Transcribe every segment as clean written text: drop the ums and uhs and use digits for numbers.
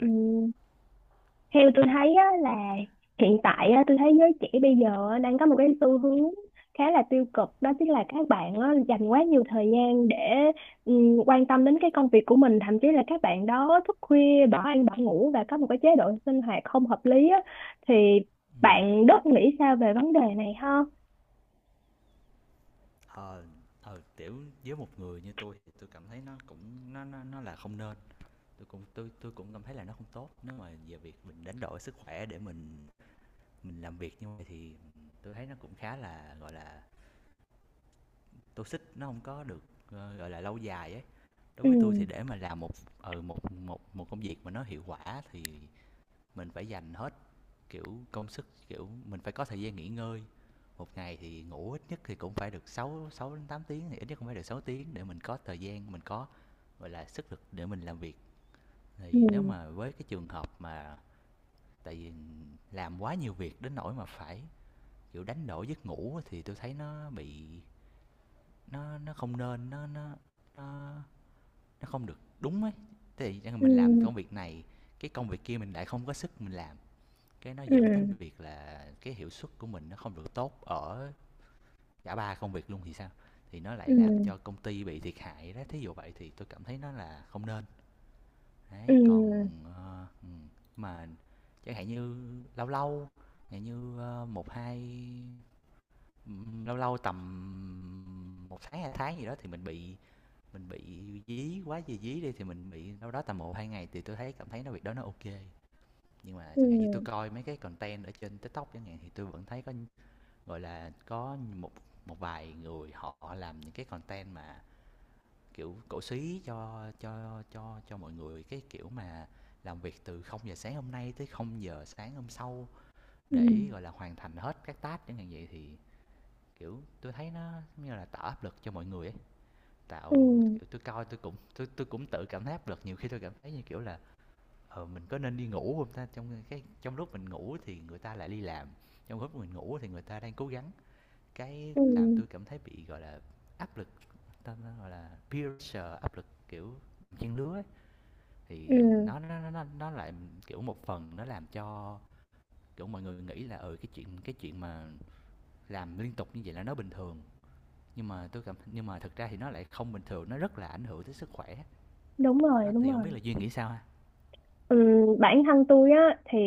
Ừm, theo tôi thấy á, là hiện tại á, tôi thấy giới trẻ bây giờ á, đang có một cái xu hướng khá là tiêu cực, đó chính là các bạn á, dành quá nhiều thời gian để quan tâm đến cái công việc của mình, thậm chí là các bạn đó thức khuya bỏ ăn bỏ ngủ và có một cái chế độ sinh hoạt không hợp lý á, thì bạn Đức nghĩ sao về vấn đề này ha? Ờ, kiểu, với một người như tôi thì tôi cảm thấy nó cũng nó là không nên. Tôi cũng cảm thấy là nó không tốt, nếu mà về việc mình đánh đổi sức khỏe để mình làm việc như vậy thì tôi thấy nó cũng khá là, gọi là, toxic, nó không có được, gọi là, lâu dài ấy. Đối với tôi thì Ừ, để mà làm một ờ một một một công việc mà nó hiệu quả thì mình phải dành hết, kiểu, công sức, kiểu mình phải có thời gian nghỉ ngơi. Một ngày thì ngủ ít nhất thì cũng phải được 6 6 đến 8 tiếng, thì ít nhất cũng phải được 6 tiếng để mình có thời gian, mình có, gọi là, sức lực để mình làm việc. Thì nếu ừ, mà với cái trường hợp mà tại vì làm quá nhiều việc đến nỗi mà phải, kiểu, đánh đổi giấc ngủ thì tôi thấy nó bị, nó không nên, nó nó không được đúng ấy. Thì ừ, mình làm công việc này, cái công việc kia mình lại không có sức mình làm, cái nó ừ, dẫn đến việc là cái hiệu suất của mình nó không được tốt ở cả 3 công việc luôn thì sao? Thì nó lại ừ, làm cho công ty bị thiệt hại đó, thí dụ vậy thì tôi cảm thấy nó là không nên. ừ, Đấy, còn ừ, mà chẳng hạn như lâu lâu, chẳng như ờ, một hai ừ, lâu lâu tầm 1 tháng 2 tháng gì đó thì mình bị dí quá gì dí đi thì mình bị đâu đó tầm 1 2 ngày thì tôi thấy cảm thấy nó việc đó nó ok. Nhưng mà ừ, chẳng hạn như tôi coi mấy cái content ở trên TikTok chẳng hạn thì tôi vẫn thấy có, gọi là, có một, một vài người họ làm những cái content mà kiểu cổ súy cho mọi người cái kiểu mà làm việc từ 0 giờ sáng hôm nay tới 0 giờ sáng hôm sau ừ, để, gọi là, hoàn thành hết các task chẳng hạn vậy. Thì kiểu tôi thấy nó giống như là tạo áp lực cho mọi người ấy, ừ, tạo kiểu tôi coi, tôi cũng tự cảm thấy áp lực. Nhiều khi tôi cảm thấy như kiểu là, ờ, mình có nên đi ngủ không ta, trong cái, trong lúc mình ngủ thì người ta lại đi làm, trong lúc mình ngủ thì người ta đang cố gắng. Cái ừ, làm tôi cảm thấy bị, gọi là, áp lực, ta ta, gọi là, peer pressure, áp lực, kiểu, trang lứa ấy. Thì ừ, nó lại, kiểu, một phần nó làm cho, kiểu, mọi người nghĩ là, ừ, cái chuyện, cái chuyện mà làm liên tục như vậy là nó bình thường, nhưng mà thực ra thì nó lại không bình thường, nó rất là ảnh hưởng tới sức khỏe. đúng rồi, Đó, đúng thì hổng biết rồi. là Duyên nghĩ sao ha? Bản thân tôi á thì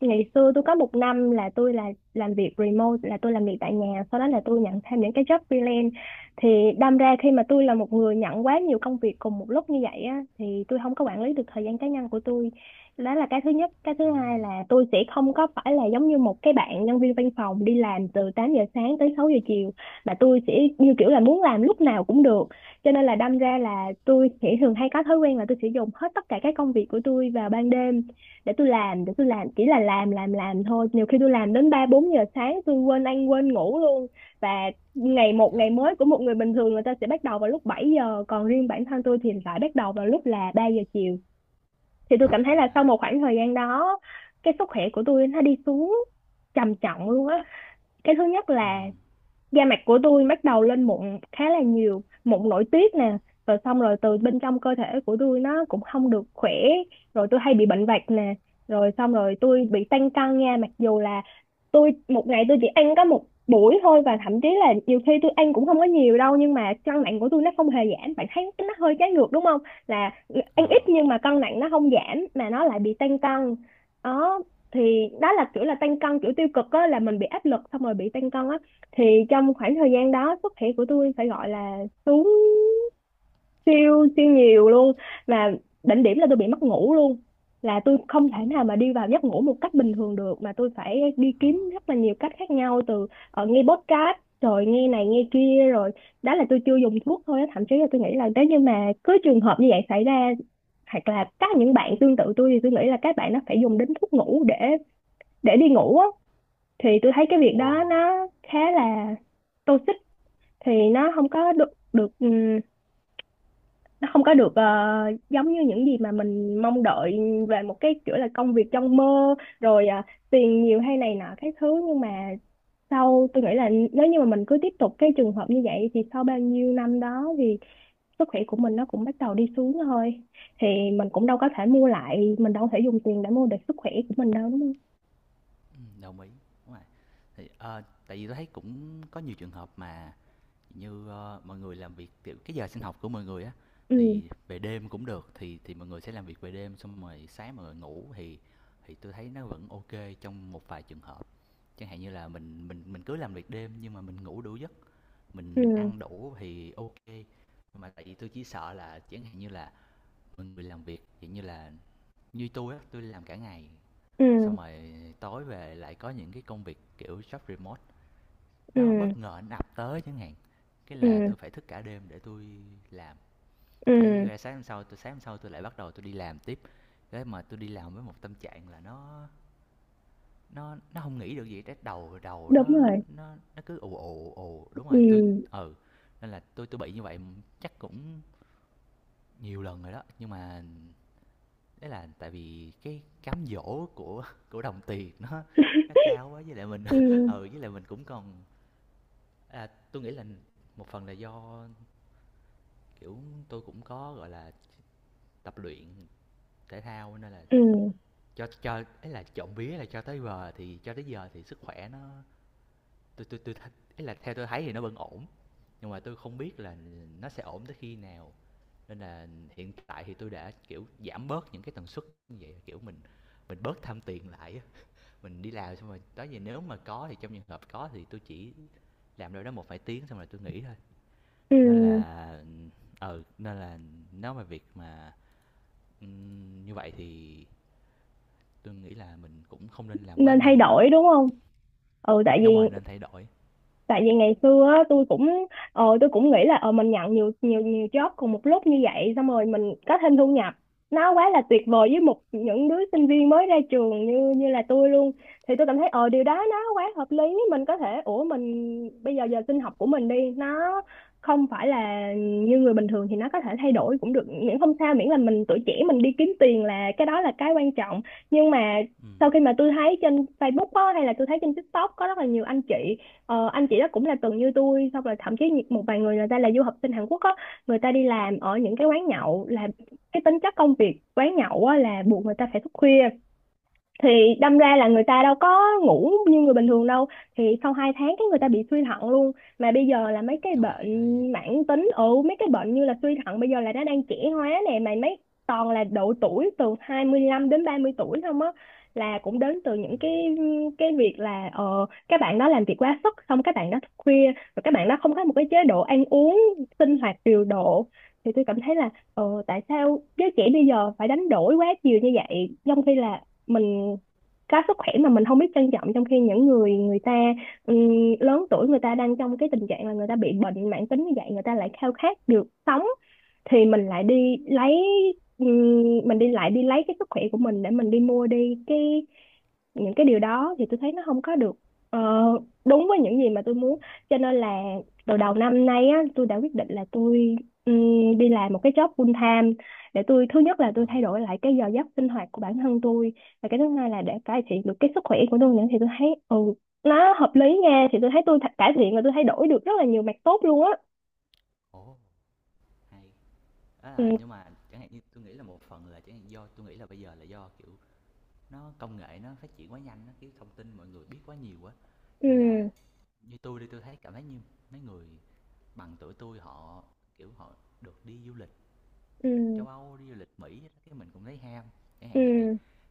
ngày xưa tôi có một năm là tôi làm việc remote, là tôi làm việc tại nhà, sau đó là tôi nhận thêm những cái job freelance, thì đâm ra khi mà tôi là một người nhận quá nhiều công việc cùng một lúc như vậy á thì tôi không có quản lý được thời gian cá nhân của tôi. Đó là cái thứ nhất. Cái thứ hai Ừm. là tôi sẽ không có phải là giống như một cái bạn nhân viên văn phòng đi làm từ 8 giờ sáng tới 6 giờ chiều, mà tôi sẽ như kiểu là muốn làm lúc nào cũng được, cho nên là đâm ra là tôi sẽ thường hay có thói quen là tôi sẽ dùng hết tất cả các công việc của tôi vào ban đêm để tôi làm, để tôi làm, chỉ là làm thôi, nhiều khi tôi làm đến ba bốn giờ sáng, tôi quên ăn quên ngủ luôn. Và ngày một ngày Trời. mới của một người bình thường người ta sẽ bắt đầu vào lúc 7 giờ, còn riêng bản thân tôi thì lại bắt đầu vào lúc là 3 giờ chiều. Thì tôi cảm thấy là sau À. một khoảng thời gian đó, cái sức khỏe của tôi nó đi xuống trầm trọng luôn á. Cái thứ nhất là Ừm. da mặt của tôi bắt đầu lên mụn, khá là nhiều mụn nổi tiết nè, rồi xong rồi từ bên trong cơ thể của tôi nó cũng không được khỏe, rồi tôi hay bị bệnh vặt nè, rồi xong rồi tôi bị tăng cân nha. Mặc dù là tôi một ngày tôi chỉ ăn có một buổi thôi, và thậm chí là nhiều khi tôi ăn cũng không có nhiều đâu, nhưng mà cân nặng của tôi nó không hề giảm, bạn thấy nó hơi trái ngược đúng không, là Ờ. ăn ít nhưng mà cân nặng nó không giảm mà nó lại bị tăng cân. Đó, thì đó là kiểu là tăng cân kiểu tiêu cực á, là mình bị áp lực xong rồi bị tăng cân á. Thì trong khoảng thời gian đó sức khỏe của tôi phải gọi là xuống siêu siêu nhiều luôn, mà đỉnh điểm là tôi bị mất ngủ luôn, là tôi không thể Ồ. nào mà đi vào giấc ngủ một cách bình thường được, mà tôi phải đi Ờ. kiếm rất là nhiều cách khác nhau, từ nghe podcast rồi nghe này nghe kia, rồi đó là tôi chưa dùng thuốc thôi á. Thậm chí là tôi nghĩ là nếu như mà cứ trường hợp như vậy xảy ra, hoặc là các những bạn tương tự tôi, thì tôi nghĩ là các bạn nó phải dùng đến thuốc ngủ để đi ngủ á. Thì tôi thấy cái việc đó Ừm. nó khá là toxic, thì nó không có được được nó không có được giống như những gì mà mình mong đợi về một cái kiểu là công việc trong mơ rồi, tiền nhiều hay này nọ cái thứ. Nhưng mà sau tôi nghĩ là nếu như mà mình cứ tiếp tục cái trường hợp như vậy thì sau bao nhiêu năm đó thì sức khỏe của mình nó cũng bắt đầu đi xuống thôi. Thì mình cũng đâu có thể mua lại, mình đâu có thể dùng tiền để mua được sức khỏe của mình đâu, đúng không? Ừm. Đồng ý, đúng rồi. Thì, tại vì tôi thấy cũng có nhiều trường hợp mà như, ờ, mọi người làm việc kiểu cái giờ sinh học của mọi người á Ừ, thì về đêm cũng được, thì mọi người sẽ làm việc về đêm xong rồi sáng mọi người ngủ, thì tôi thấy nó vẫn ok trong một vài trường hợp, chẳng hạn như là mình cứ làm việc đêm nhưng mà mình ngủ đủ giấc, mình ừ, ăn đủ thì ok. Mà tại vì tôi chỉ sợ là chẳng hạn như là mọi người làm việc dạng như là như tôi á, tôi làm cả ngày ừ, xong rồi tối về lại có những cái công việc kiểu job remote, nó ừ, bất ngờ nó ập tới chẳng hạn, cái là ừ, tôi phải thức cả đêm để tôi làm. Cái ừ, ra sáng hôm sau, tôi lại bắt đầu tôi đi làm tiếp. Cái mà tôi đi làm với một tâm trạng là nó, không nghĩ được gì, cái đầu đầu đúng nó rồi, cứ ù ù ù. Đúng rồi, tôi, ừ, ừ, nên là tôi bị như vậy chắc cũng nhiều lần rồi đó, nhưng mà đấy là tại vì cái cám dỗ của đồng tiền nó cao quá, với lại mình ừ, ừ với lại mình cũng còn, à, tôi nghĩ là một phần là do, kiểu, tôi cũng có, gọi là, tập luyện thể thao nên là ừ, cho ấy là trộm vía là cho tới giờ thì, cho tới giờ thì sức khỏe nó, tôi tôi tôi th- ấy là theo tôi thấy thì nó vẫn ổn, nhưng mà tôi không biết là nó sẽ ổn tới khi nào. Nên là hiện tại thì tôi đã, kiểu, giảm bớt những cái tần suất như vậy, kiểu mình bớt tham tiền lại á. Mình đi làm xong rồi đó giờ nếu mà có thì, trong trường hợp có thì tôi chỉ làm đâu đó một vài tiếng xong rồi tôi nghỉ thôi. ừ, Nên là, ờ, nên là nói về việc mà, ừm, như vậy thì tôi nghĩ là mình cũng không nên làm quá nên thay nhiều. đổi đúng không. Ừ, tại vì, Đúng rồi, nên thay đổi. tại vì ngày xưa á, tôi cũng tôi cũng nghĩ là mình nhận nhiều nhiều nhiều job cùng một lúc như vậy, xong rồi mình có thêm thu nhập, nó quá là tuyệt vời với một những đứa sinh viên mới ra trường như như là tôi luôn. Thì tôi cảm thấy ờ điều đó nó quá hợp lý, mình có thể, ủa mình bây giờ giờ sinh học của mình đi nó không phải là như người bình thường thì nó có thể thay đổi cũng được, miễn không sao, miễn là mình tuổi trẻ mình đi kiếm tiền là cái đó là cái quan trọng. Nhưng mà sau Ừm. khi mà tôi thấy trên Facebook á, hay là tôi thấy trên TikTok, có rất là nhiều anh chị. Ờ, anh chị đó cũng là từng như tôi, xong rồi thậm chí một vài người, người ta là du học sinh Hàn Quốc á, người ta đi làm ở những cái quán nhậu, là cái tính chất công việc quán nhậu á là buộc người ta phải thức khuya, thì đâm ra là người ta đâu có ngủ như người bình thường đâu. Thì sau 2 tháng cái người ta bị suy thận luôn. Mà bây giờ là mấy cái Trời ơi, ghê vậy. bệnh mãn tính, ừ mấy cái bệnh như là suy thận bây giờ là nó đang trẻ hóa nè, mà mấy toàn là độ tuổi từ 25 đến 30 tuổi không á, là cũng đến từ những cái việc là ờ các bạn đó làm việc quá sức, xong các bạn đó thức khuya, rồi các bạn đó không có một cái chế độ ăn uống sinh hoạt điều độ. Thì tôi cảm thấy là ờ tại sao giới trẻ bây giờ phải đánh đổi quá nhiều như vậy, trong khi là mình có sức khỏe mà mình không biết trân trọng, trong khi những người, người ta ừm, lớn tuổi, người ta đang trong cái tình trạng là người ta bị bệnh mãn tính như vậy, người ta lại khao khát được sống. Thì mình lại đi lấy, mình đi lại đi lấy cái sức khỏe của mình để mình đi mua đi cái những cái điều đó, thì tôi thấy nó không có được ờ, đúng với những gì mà tôi muốn. Cho nên là từ đầu năm nay á tôi đã quyết định là tôi đi làm một cái job full time, để tôi thứ nhất là Ờ. tôi thay đổi lại cái giờ giấc sinh hoạt của bản thân tôi, và cái thứ hai là để cải thiện được cái sức khỏe của tôi nữa. Thì tôi thấy ừ nó hợp lý nha, thì tôi thấy cải thiện và tôi thấy đổi được rất là nhiều mặt tốt luôn á. Ồ. Hay. Đó là, Ừ, nhưng mà chẳng hạn như tôi nghĩ là một phần là chẳng hạn do tôi nghĩ là bây giờ là do, kiểu, nó công nghệ nó phát triển quá nhanh á, kiểu thông tin mọi người biết quá nhiều quá. Nên là ừ, như tôi đi, tôi thấy cảm thấy như mấy người bằng tuổi tôi họ, kiểu, họ được đi du lịch ừ, châu Âu, đi du lịch Mỹ, cái mình cũng thấy ham, cái hàng ừ, vậy.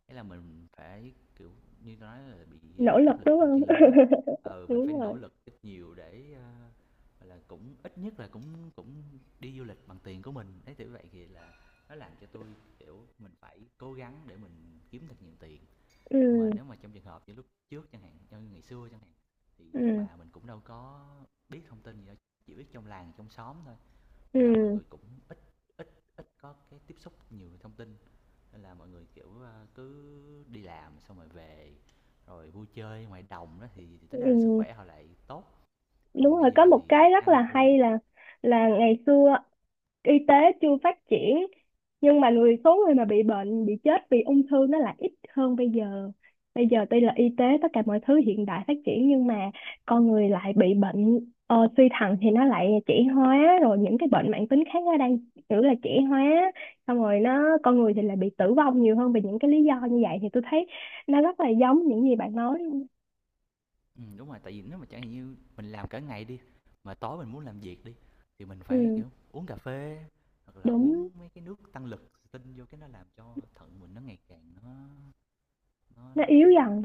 Thế là mình phải, kiểu, như tôi nói là bị, nỗ ờ, lực áp lực đúng đồng không trang lứa. Ừ, mình phải đúng rồi. nỗ lực ít nhiều để, ơ, gọi là, cũng ít nhất là cũng, cũng đi du lịch bằng tiền của mình, đấy, kiểu vậy. Thì là nó làm cho tôi, kiểu, mình phải cố gắng để mình kiếm thật nhiều tiền. Nhưng Ừ, mà nếu mà trong trường hợp như lúc trước chẳng hạn, như ngày xưa chẳng hạn, thì ông ừ, bà mình cũng đâu có biết thông tin gì đâu, chỉ biết trong làng, trong xóm thôi, là mọi ừ, người cũng ít, ít ít có cái tiếp xúc nhiều thông tin. Nên là mọi người kiểu, à, cứ đi làm xong rồi về, rồi vui chơi ngoài đồng đó thì tính ra là sức ừ, khỏe họ lại tốt. đúng Còn bây rồi, có giờ một thì cái rất ăn là uống, hay là ngày xưa y tế chưa phát triển, nhưng mà người số người mà bị bệnh bị chết vì ung thư nó lại ít hơn bây giờ. Bây giờ tuy là y tế tất cả mọi thứ hiện đại phát triển, nhưng mà con người lại bị bệnh suy thận thì nó lại trẻ hóa, rồi những cái bệnh mãn tính khác nó đang kiểu là trẻ hóa, xong rồi nó con người thì lại bị tử vong nhiều hơn vì những cái lý do như vậy. Thì tôi thấy nó rất là giống những gì bạn nói. ừ, đúng rồi, tại vì nếu mà chẳng hạn như mình làm cả ngày đi mà tối mình muốn làm việc đi thì mình phải Ừ, kiểu uống cà phê hoặc là uống đúng, mấy cái nước tăng lực tinh vô, cái nó làm cho thận mình nó ngày càng nó, nó nó nó yếu dần.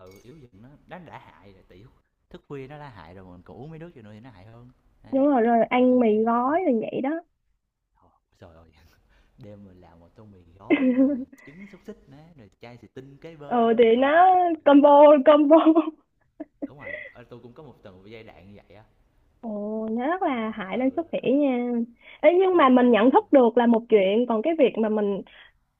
ừ, yếu dùm. Nó, đã hại rồi tiểu, thức khuya nó đã hại rồi mà mình còn uống mấy nước vô nữa thì nó hại hơn. Đúng Đấy, rồi, rồi thì tôi ăn mì nghĩ nó cũng gói là rồi vậy đó. thôi, trời ơi, đêm mình làm một tô mì gói rồi trứng xúc xích nè, rồi chai xì tinh kế Ừ, bên, thì còn gì nó tuyệt vời combo, hơn. combo. Đúng rồi, ơ, tui cũng có một từng giai đoạn như vậy á, Ồ, nó rất nên là là, hại lên ừ, sức khỏe nha. Ê, nhưng đúng mà rồi, mình nên nhận là, thức được là một chuyện, còn cái việc mà mình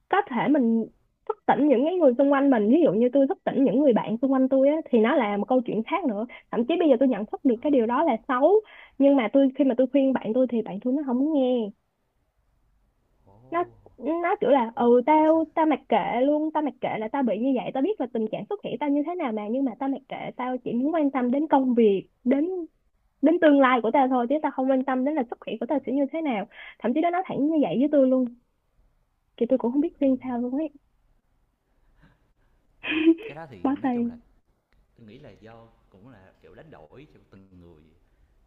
có thể mình thức tỉnh những cái người xung quanh mình, ví dụ như tôi thức tỉnh những người bạn xung quanh tôi á, thì nó là một câu chuyện khác nữa. Thậm chí bây giờ tôi nhận thức được ờ, cái điều đó là xấu, nhưng mà tôi, khi mà tôi khuyên bạn tôi thì bạn tôi nó không muốn nghe. ồ, nó nó kiểu là ủa mà ừ tại sao, tao tao mặc kệ luôn, tao mặc kệ, là tao bị như vậy tao biết là tình trạng sức khỏe tao như thế nào mà, nhưng mà tao mặc kệ, tao chỉ muốn quan tâm đến công việc, đến đến tương lai của tao thôi, chứ tao không quan tâm đến là sức khỏe của tao sẽ như thế nào. Thậm chí nó nói thẳng như vậy với tôi luôn, thì tôi cũng không biết khuyên ừm, sao luôn ấy. ờ, cái đó thì Bó nói chung là, tay. tôi nghĩ là do cũng là, kiểu, đánh đổi cho từng người.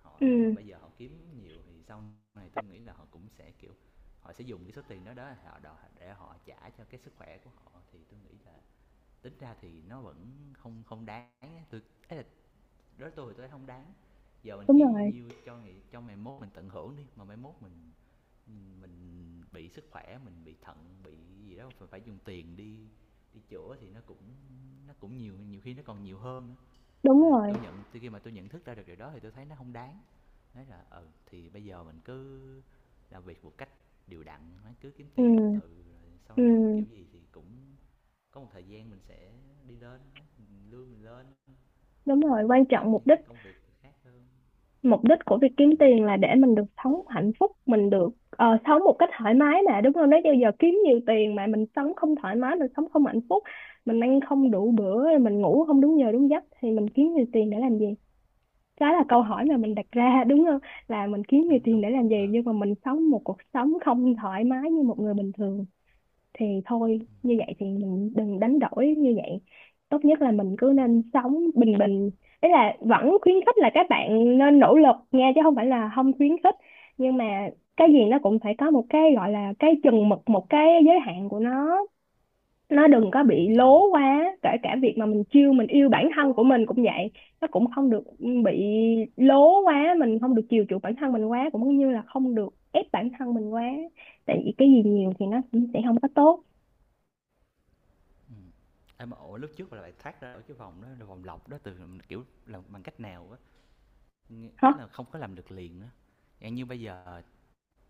Họ nếu mà Ừ, bây giờ họ kiếm nhiều thì sau này tôi nghĩ là họ cũng sẽ, kiểu, họ sẽ dùng cái số tiền đó đó, họ đòi để họ trả cho cái sức khỏe của họ, thì tôi nghĩ là tính ra thì nó vẫn không, không đáng. Tôi, ấy là tôi thì tôi thấy hông đáng. Giờ mình đúng kiếm bao rồi, nhiêu cho ngày, cho ngày mốt mình tận hưởng đi, mà mai mốt mình bị sức khỏe, mình bị thận, bị gì đó, phải phải dùng tiền đi đi chữa thì nó cũng, nó cũng nhiều, nhiều khi nó còn nhiều hơn nữa. đúng Là rồi. tôi nhận, từ khi mà tôi nhận thức ra được điều đó thì tôi thấy nó không đáng. Nói là, ừ thì bây giờ mình cứ làm việc một cách điều đặn, nó cứ kiếm Ừ, tiền từ từ rồi sau này ừ, kiểu gì thì cũng có một thời gian mình sẽ đi lên, mình lương mình lên, đúng rồi, mình quan trọng kiếm mục những đích, cái công việc khác hơn. mục đích của việc kiếm tiền là để mình được sống hạnh phúc, mình được sống một cách thoải mái mà, đúng không? Nếu như giờ kiếm nhiều tiền mà mình sống không thoải mái, mình sống không hạnh phúc, mình ăn không đủ bữa, mình ngủ không đúng giờ đúng giấc, thì mình kiếm nhiều tiền để làm gì? Đó là câu hỏi mà mình đặt ra, đúng không? Là mình kiếm nhiều Đúng tiền đúng. để làm gì Ờ. nhưng mà mình sống một cuộc sống không thoải mái như một người bình thường. Thì thôi như vậy thì mình đừng đánh đổi như vậy, tốt nhất là mình cứ nên sống bình bình. Ý là vẫn khuyến khích là các bạn nên nỗ lực nha, chứ không phải là không khuyến khích, nhưng mà cái gì nó cũng phải có một cái gọi là cái chừng mực, một cái giới hạn của nó đừng có Ừ, bị đồng ý. lố quá, kể cả việc mà mình chiêu mình yêu bản thân của mình cũng vậy, nó cũng không được bị lố quá. Mình không được chiều chuộng bản thân mình quá, cũng như là không được ép bản thân mình quá, tại vì cái gì nhiều thì nó cũng sẽ không có tốt. Ừ. Em ổ lúc trước là bạn thoát ra ở cái vòng đó, là vòng lọc đó, từ, kiểu, làm bằng cách nào á, nghĩa Hả? là không có làm được liền á. Dạng như bây giờ,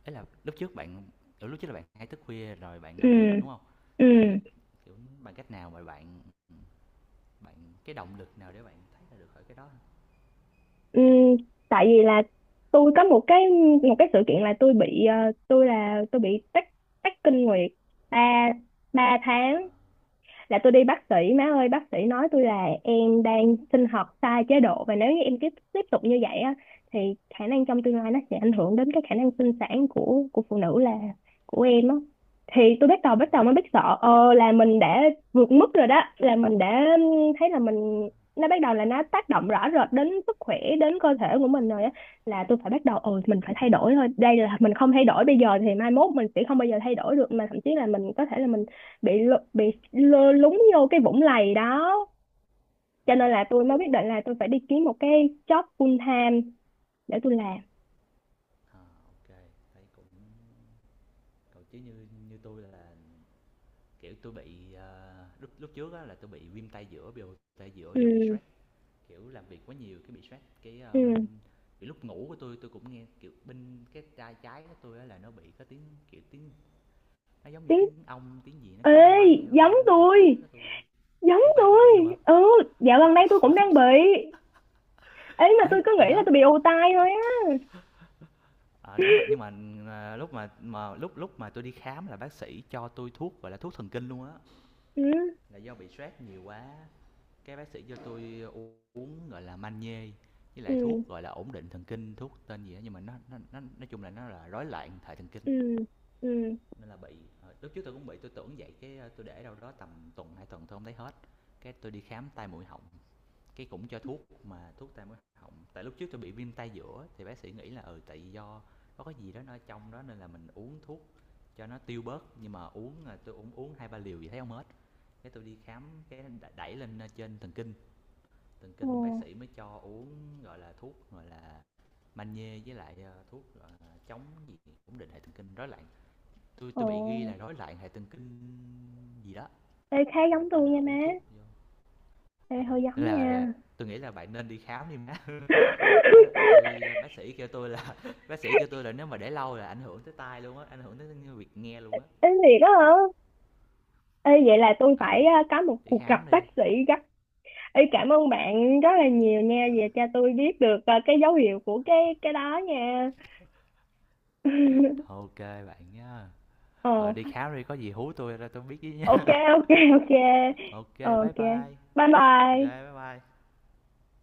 ấy là lúc trước bạn, kiểu, lúc trước là bạn hay thức khuya rồi bạn Ừ, làm việc, đúng không? ừ, Thì, kiểu, bằng cách nào mà bạn, bạn cái động lực nào để bạn thấy ra được khỏi cái đó ha? ừ, tại vì là tôi có một cái, một cái sự kiện là tôi bị tôi bị tắc tắc kinh nguyệt ba ba Ờ. tháng, là tôi đi bác sĩ. Má ơi bác sĩ nói tôi là em đang sinh hoạt sai chế độ, và nếu như em tiếp tiếp tục như vậy á thì khả năng trong tương lai nó sẽ ảnh hưởng đến cái khả năng sinh sản của phụ nữ, là của em á. Thì tôi bắt đầu, Ờ. bắt đầu mới biết sợ, ờ là mình đã vượt mức rồi, đó là mình đã thấy là mình, nó bắt đầu là nó tác động rõ rệt đến sức khỏe, đến cơ thể của mình rồi á, là tôi phải bắt đầu ừ mình phải thay Ừm. đổi thôi, đây là mình không thay đổi bây giờ thì mai mốt mình sẽ không bao giờ thay đổi được, mà thậm chí là mình có thể là mình bị lơ lúng vô cái vũng lầy đó. Ờ. Cho nên là tôi mới quyết định là tôi phải đi kiếm một cái job full time để tôi làm. Ờ. Thấy cũng còn, chứ như như tôi là, kiểu, tôi bị, ờ, lúc lúc trước á là tôi bị viêm tay giữa, biểu tay giữa do bị Ừ, stress, kiểu, làm việc quá nhiều cái bị stress. Cái, ơ, ừ, bên, kiểu, lúc ngủ của tôi cũng nghe, kiểu, bên cái tai trái của tôi á là nó bị có tiếng, kiểu, tiếng, nó giống như tiếng, tiếng ong, tiếng gì nó cứ bay ê bay, giống bay bên tay trái tôi, của tôi. giống Ủa vậy cũng bị luôn hả? tôi. Ừ, dạo gần đây tôi cũng Trời đang bị, ấy mà tôi ơi, cứ gì nghĩ là hả? tôi bị ù tai thôi á. Ờ, đúng rồi, nhưng mà, à, lúc mà lúc lúc mà tôi đi khám là bác sĩ cho tôi thuốc gọi là thuốc thần kinh luôn á. Ừ, Là do bị stress nhiều quá. Cái bác sĩ cho tôi uống, gọi là, magie, với lại ừ, thuốc gọi là ổn định thần kinh, thuốc tên gì đó, nhưng mà nó nói chung là nó là rối loạn hệ thần kinh ừ, ừ, nên là bị. Ờ, lúc trước tôi cũng bị, tôi tưởng vậy, cái, ờ, tôi để đâu đó tầm tuần 2 tuần tôi không thấy hết, cái tôi đi khám tai mũi họng, cái cũng cho thuốc mà thuốc tam cái họng, tại lúc trước tôi bị viêm tay giữa thì bác sĩ nghĩ là ừ tại do có cái gì đó nó trong đó nên là mình uống thuốc cho nó tiêu bớt. Nhưng mà uống, à, tôi uống, 2 3 liều gì thấy không hết, cái tôi đi khám, cái đẩy lên trên thần kinh, thần ồ, kinh bác sĩ mới cho uống, gọi là thuốc gọi là magie với lại, ờ, thuốc gọi là chống gì, ổn định hệ thần kinh rối loạn. Tôi, ồ, bị ghi là rối loạn hệ thần kinh gì đó, ê khá ừ, giống đó tôi là nha uống má. thuốc vô. Ê Ừ, hơi giống nên là nha. tôi nghĩ là bạn nên đi khám đi má. Á, tôi, à, bác sĩ kêu tôi là bác sĩ kêu tôi là nếu mà để lâu là ảnh hưởng tới tai luôn á, ảnh hưởng tới việc nghe luôn á. Ê thiệt đó, hả? Ê vậy là tôi phải Ừ, có một đi cuộc gặp khám đi. bác sĩ gấp. Ê, cảm ơn bạn rất là nhiều nha, về cho tôi biết được cái dấu hiệu của cái đó nha. Ok bạn nhá. Rồi Ờ, đi khám đi, có gì hú tôi ra tôi biết với ok, nhá. ok, ok. Ok Ờ, bye ok, bye. Ok bye bye bye. bye.